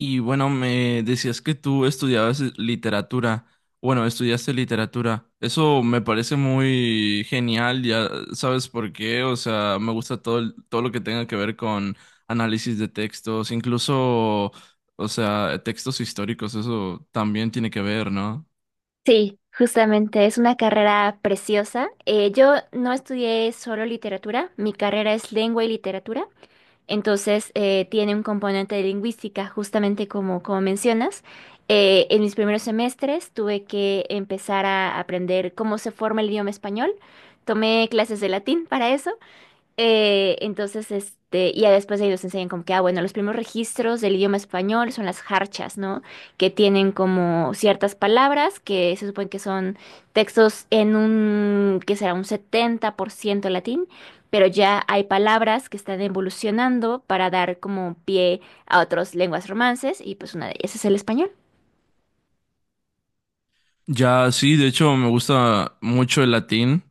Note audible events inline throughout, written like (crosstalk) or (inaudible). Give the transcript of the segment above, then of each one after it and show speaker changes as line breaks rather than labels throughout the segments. Y bueno, me decías que tú estudiabas literatura. Bueno, estudiaste literatura. Eso me parece muy genial, ya sabes por qué. O sea, me gusta todo, todo lo que tenga que ver con análisis de textos, incluso, o sea, textos históricos, eso también tiene que ver, ¿no?
Sí, justamente es una carrera preciosa. Yo no estudié solo literatura, mi carrera es lengua y literatura, entonces tiene un componente de lingüística, justamente como mencionas. En mis primeros semestres tuve que empezar a aprender cómo se forma el idioma español. Tomé clases de latín para eso entonces, y ya después de ellos enseñan como que, ah, bueno, los primeros registros del idioma español son las jarchas, ¿no? Que tienen como ciertas palabras que se supone que son textos en un, que será un 70% latín, pero ya hay palabras que están evolucionando para dar como pie a otras lenguas romances y pues una de ellas es el español.
Ya, sí, de hecho, me gusta mucho el latín.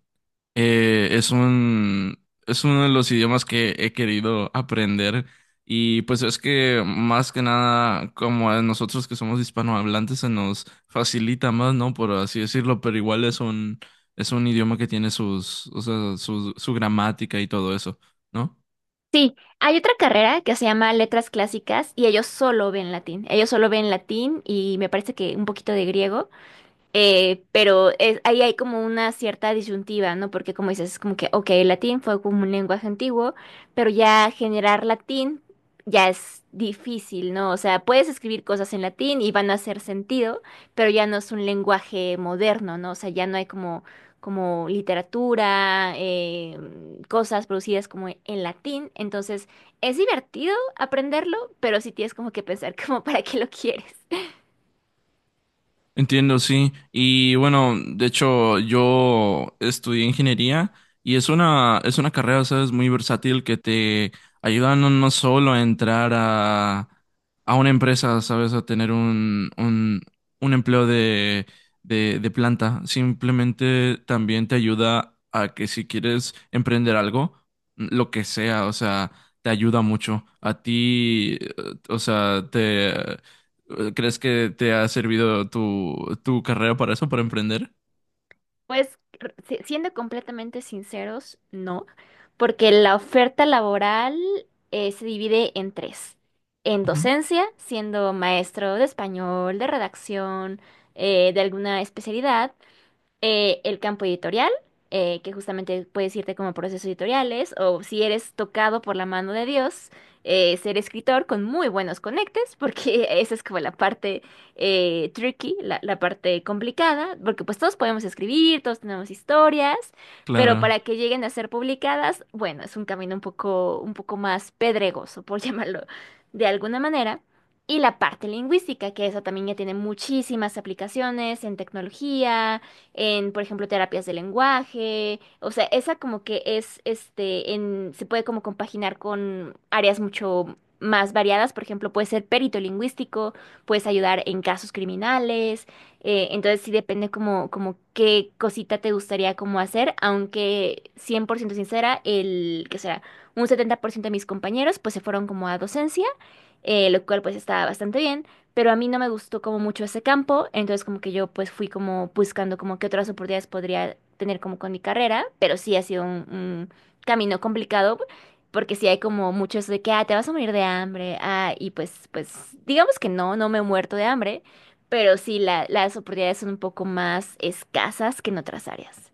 Eh, es un, es uno de los idiomas que he querido aprender, y pues es que más que nada, como a nosotros que somos hispanohablantes, se nos facilita más, ¿no? Por así decirlo, pero igual es un idioma que tiene o sea, su gramática y todo eso, ¿no?
Sí, hay otra carrera que se llama Letras Clásicas y ellos solo ven latín. Ellos solo ven latín y me parece que un poquito de griego. Pero ahí hay como una cierta disyuntiva, ¿no? Porque como dices, es como que, ok, el latín fue como un lenguaje antiguo, pero ya generar latín ya es difícil, ¿no? O sea, puedes escribir cosas en latín y van a hacer sentido, pero ya no es un lenguaje moderno, ¿no? O sea, ya no hay como, literatura, cosas producidas como en latín. Entonces, es divertido aprenderlo, pero sí tienes como que pensar (laughs) como para qué lo quieres.
Entiendo, sí. Y bueno, de hecho, yo estudié ingeniería y es una carrera, sabes, muy versátil, que te ayuda no solo a a una empresa, sabes, a tener un empleo de planta, simplemente. También te ayuda a que, si quieres emprender algo, lo que sea, o sea, te ayuda mucho. A ti, o sea, te… ¿Crees que te ha servido tu carrera para eso, para emprender?
Pues siendo completamente sinceros, no, porque la oferta laboral se divide en tres. En
Ujú.
docencia, siendo maestro de español, de redacción, de alguna especialidad, el campo editorial, que justamente puedes irte como procesos editoriales, o si eres tocado por la mano de Dios, ser escritor con muy buenos conectes, porque (laughs) esa es como la parte tricky, la parte complicada, porque pues todos podemos escribir, todos tenemos historias, pero
Claro.
para que lleguen a ser publicadas, bueno, es un camino un poco más pedregoso, por (laughs) llamarlo de alguna manera. Y la parte lingüística, que esa también ya tiene muchísimas aplicaciones en tecnología, en, por ejemplo, terapias de lenguaje, o sea, esa como que es, se puede como compaginar con áreas mucho más variadas, por ejemplo, puede ser perito lingüístico, puedes ayudar en casos criminales, entonces sí depende como, qué cosita te gustaría como hacer, aunque 100% sincera, el, que será, un 70% de mis compañeros pues se fueron como a docencia, lo cual pues está bastante bien pero a mí no me gustó como mucho ese campo, entonces como que yo pues fui como buscando como qué otras oportunidades podría tener como con mi carrera, pero sí ha sido un camino complicado porque sí hay como mucho eso de que, ah, te vas a morir de hambre, ah, y pues digamos que no, no me he muerto de hambre, pero sí las oportunidades son un poco más escasas que en otras áreas.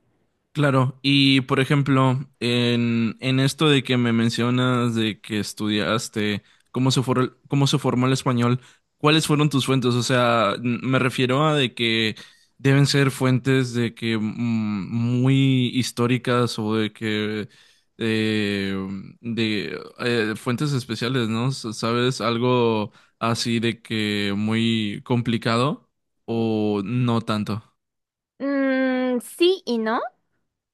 Claro, y por ejemplo, en esto de que me mencionas de que estudiaste cómo se formó el español, ¿cuáles fueron tus fuentes? O sea, me refiero a de que deben ser fuentes de que muy históricas, o de que eh, de fuentes especiales, ¿no? ¿Sabes? Algo así de que muy complicado o no tanto.
Mm, sí y no,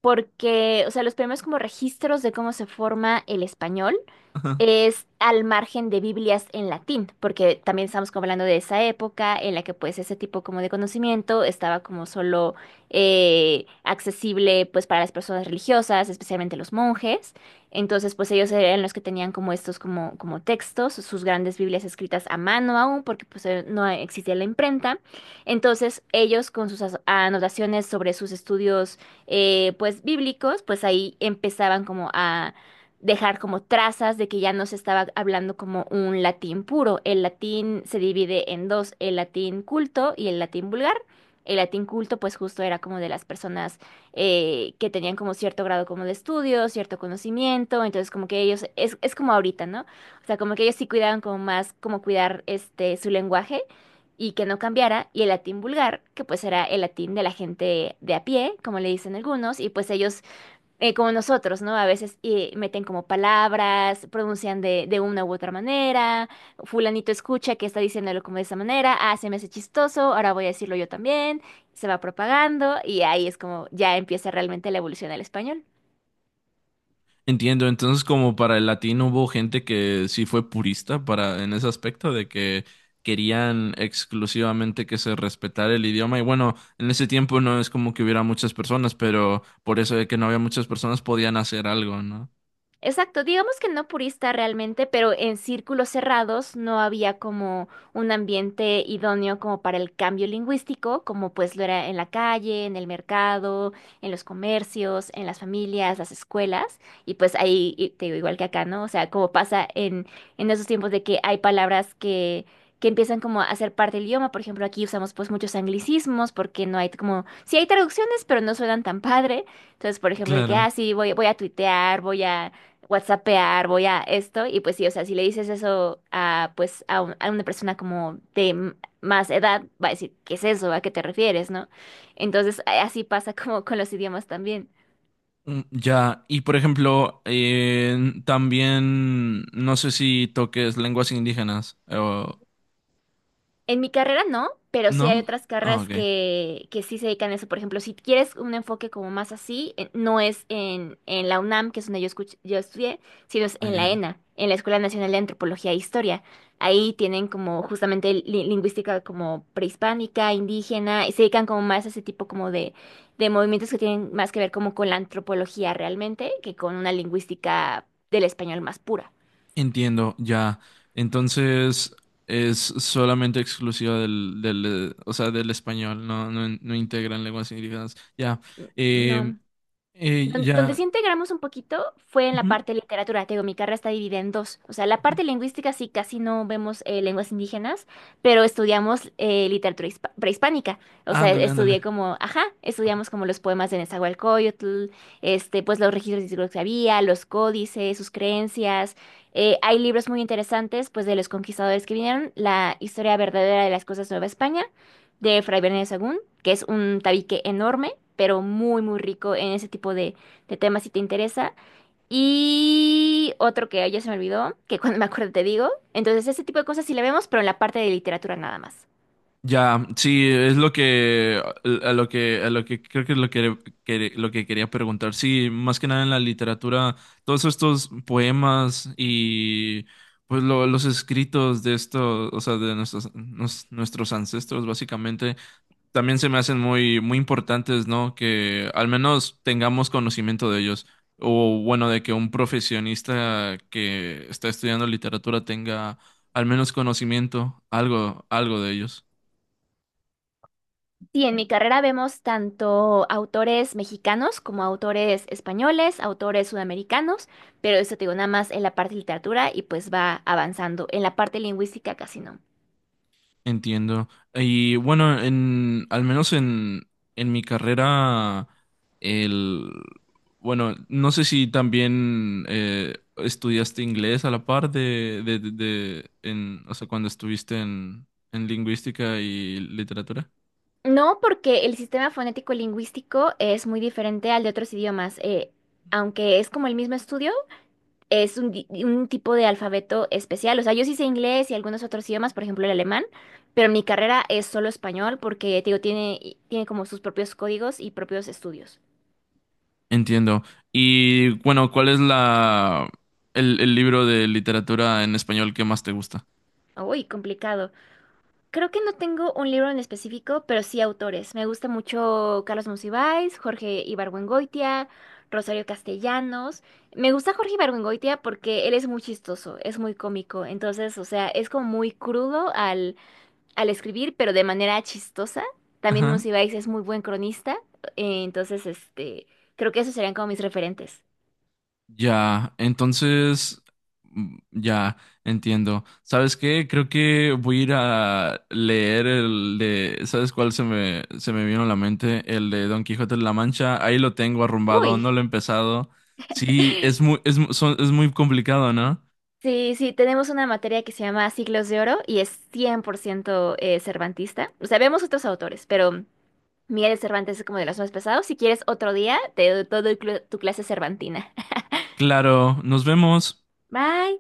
porque, o sea, los primeros como registros de cómo se forma el español,
(laughs)
es al margen de Biblias en latín, porque también estamos como hablando de esa época en la que pues ese tipo como de conocimiento estaba como solo accesible pues para las personas religiosas, especialmente los monjes. Entonces pues ellos eran los que tenían como estos como textos, sus grandes Biblias escritas a mano aún, porque pues no existía la imprenta. Entonces ellos con sus anotaciones sobre sus estudios pues bíblicos, pues ahí empezaban como dejar como trazas de que ya no se estaba hablando como un latín puro. El latín se divide en dos, el latín culto y el latín vulgar. El latín culto pues justo era como de las personas que tenían como cierto grado como de estudio, cierto conocimiento, entonces como que ellos, es como ahorita, ¿no? O sea, como que ellos sí cuidaban como más, como cuidar este su lenguaje y que no cambiara, y el latín vulgar, que pues era el latín de la gente de a pie, como le dicen algunos, y pues ellos como nosotros, ¿no? A veces meten como palabras, pronuncian de una u otra manera, fulanito escucha que está diciéndolo como de esa manera, ah, se me hace chistoso, ahora voy a decirlo yo también, se va propagando y ahí es como ya empieza realmente la evolución del español.
Entiendo, entonces como para el latino hubo gente que sí fue purista para en ese aspecto de que querían exclusivamente que se respetara el idioma. Y bueno, en ese tiempo no es como que hubiera muchas personas, pero por eso de que no había muchas personas podían hacer algo, ¿no?
Exacto, digamos que no purista realmente, pero en círculos cerrados no había como un ambiente idóneo como para el cambio lingüístico, como pues lo era en la calle, en el mercado, en los comercios, en las familias, las escuelas, y pues ahí, y te digo, igual que acá, ¿no? O sea, como pasa en, esos tiempos de que hay palabras que empiezan como a ser parte del idioma, por ejemplo, aquí usamos pues muchos anglicismos porque no hay como, sí hay traducciones, pero no suenan tan padre, entonces, por ejemplo, de que,
Claro.
ah, sí, voy a tuitear, voy a WhatsAppear, voy a esto, y pues sí, o sea, si le dices eso a, pues, a, a una persona como de más edad, va a decir, ¿qué es eso? ¿A qué te refieres? ¿No? Entonces, así pasa como con los idiomas también.
Mm, ya. Y por ejemplo, también no sé si toques lenguas indígenas o
En mi carrera no, pero sí hay
no.
otras
Ah,
carreras
ok.
que sí se dedican a eso. Por ejemplo, si quieres un enfoque como más así, no es en la UNAM, que es donde yo, yo estudié, sino es
Ah,
en
ya,
la
ya.
ENA, en la Escuela Nacional de Antropología e Historia. Ahí tienen como justamente lingüística como prehispánica, indígena, y se dedican como más a ese tipo como de movimientos que tienen más que ver como con la antropología realmente que con una lingüística del español más pura.
Entiendo, ya. Entonces es solamente exclusiva del, o sea, del español, no integran lenguas indígenas. Ya. Eh,
No. Donde
ya.
sí integramos un poquito fue en la
Ujú,
parte de literatura. Te digo, mi carrera está dividida en dos. O sea, la
ujú.
parte lingüística sí casi no vemos lenguas indígenas, pero estudiamos literatura prehispánica. O sea,
Ándale, ándale.
estudié como, ajá, estudiamos como los poemas de Nezahualcóyotl, pues los registros históricos que había, los códices, sus creencias. Hay libros muy interesantes, pues de los conquistadores que vinieron, La historia verdadera de las cosas Nueva España, de Fray Bernardo de Sahagún, que es un tabique enorme, pero muy, muy rico en ese tipo de tema si te interesa. Y otro que ya se me olvidó, que cuando me acuerdo te digo. Entonces, ese tipo de cosas sí la vemos, pero en la parte de literatura nada más.
Ya, sí, es lo que… a lo que creo que es lo que, lo que quería preguntar. Sí, más que nada en la literatura, todos estos poemas y pues los escritos de estos, o sea, de nuestros nuestros ancestros básicamente, también se me hacen muy, muy importantes, ¿no? Que al menos tengamos conocimiento de ellos. O bueno, de que un profesionista que está estudiando literatura tenga al menos conocimiento, algo, algo de ellos.
Sí, en mi carrera vemos tanto autores mexicanos como autores españoles, autores sudamericanos, pero eso te digo nada más en la parte de literatura y pues va avanzando. En la parte lingüística casi no.
Entiendo. Y bueno, al menos en mi carrera, el… bueno, no sé si también estudiaste inglés a la par de, o sea, cuando estuviste en lingüística y literatura.
No, porque el sistema fonético lingüístico es muy diferente al de otros idiomas. Aunque es como el mismo estudio, es un tipo de alfabeto especial. O sea, yo sí sé inglés y algunos otros idiomas, por ejemplo el alemán, pero mi carrera es solo español porque, te digo, tiene como sus propios códigos y propios estudios.
Entiendo. Y bueno, ¿cuál es el libro de literatura en español que más te gusta?
Uy, complicado. Creo que no tengo un libro en específico, pero sí autores. Me gusta mucho Carlos Monsiváis, Jorge Ibargüengoitia, Rosario Castellanos. Me gusta Jorge Ibargüengoitia porque él es muy chistoso, es muy cómico. Entonces, o sea, es como muy crudo al escribir, pero de manera chistosa. También
Ajá.
Monsiváis es muy buen cronista, entonces creo que esos serían como mis referentes.
Ya, entonces, mm, ya, entiendo. ¿Sabes qué? Creo que voy a ir a leer el de… ¿sabes cuál se me vino a la mente? El de Don Quijote de la Mancha. Ahí lo tengo arrumbado, no
Uy,
lo he empezado. Sí, es muy,
(laughs)
es muy complicado, ¿no?
sí, sí, tenemos una materia que se llama Siglos de Oro y es 100% cervantista. O sea, vemos otros autores, pero Miguel de Cervantes es como de los más pesados. Si quieres otro día, te doy todo tu clase cervantina.
Claro, nos vemos.
(laughs) Bye.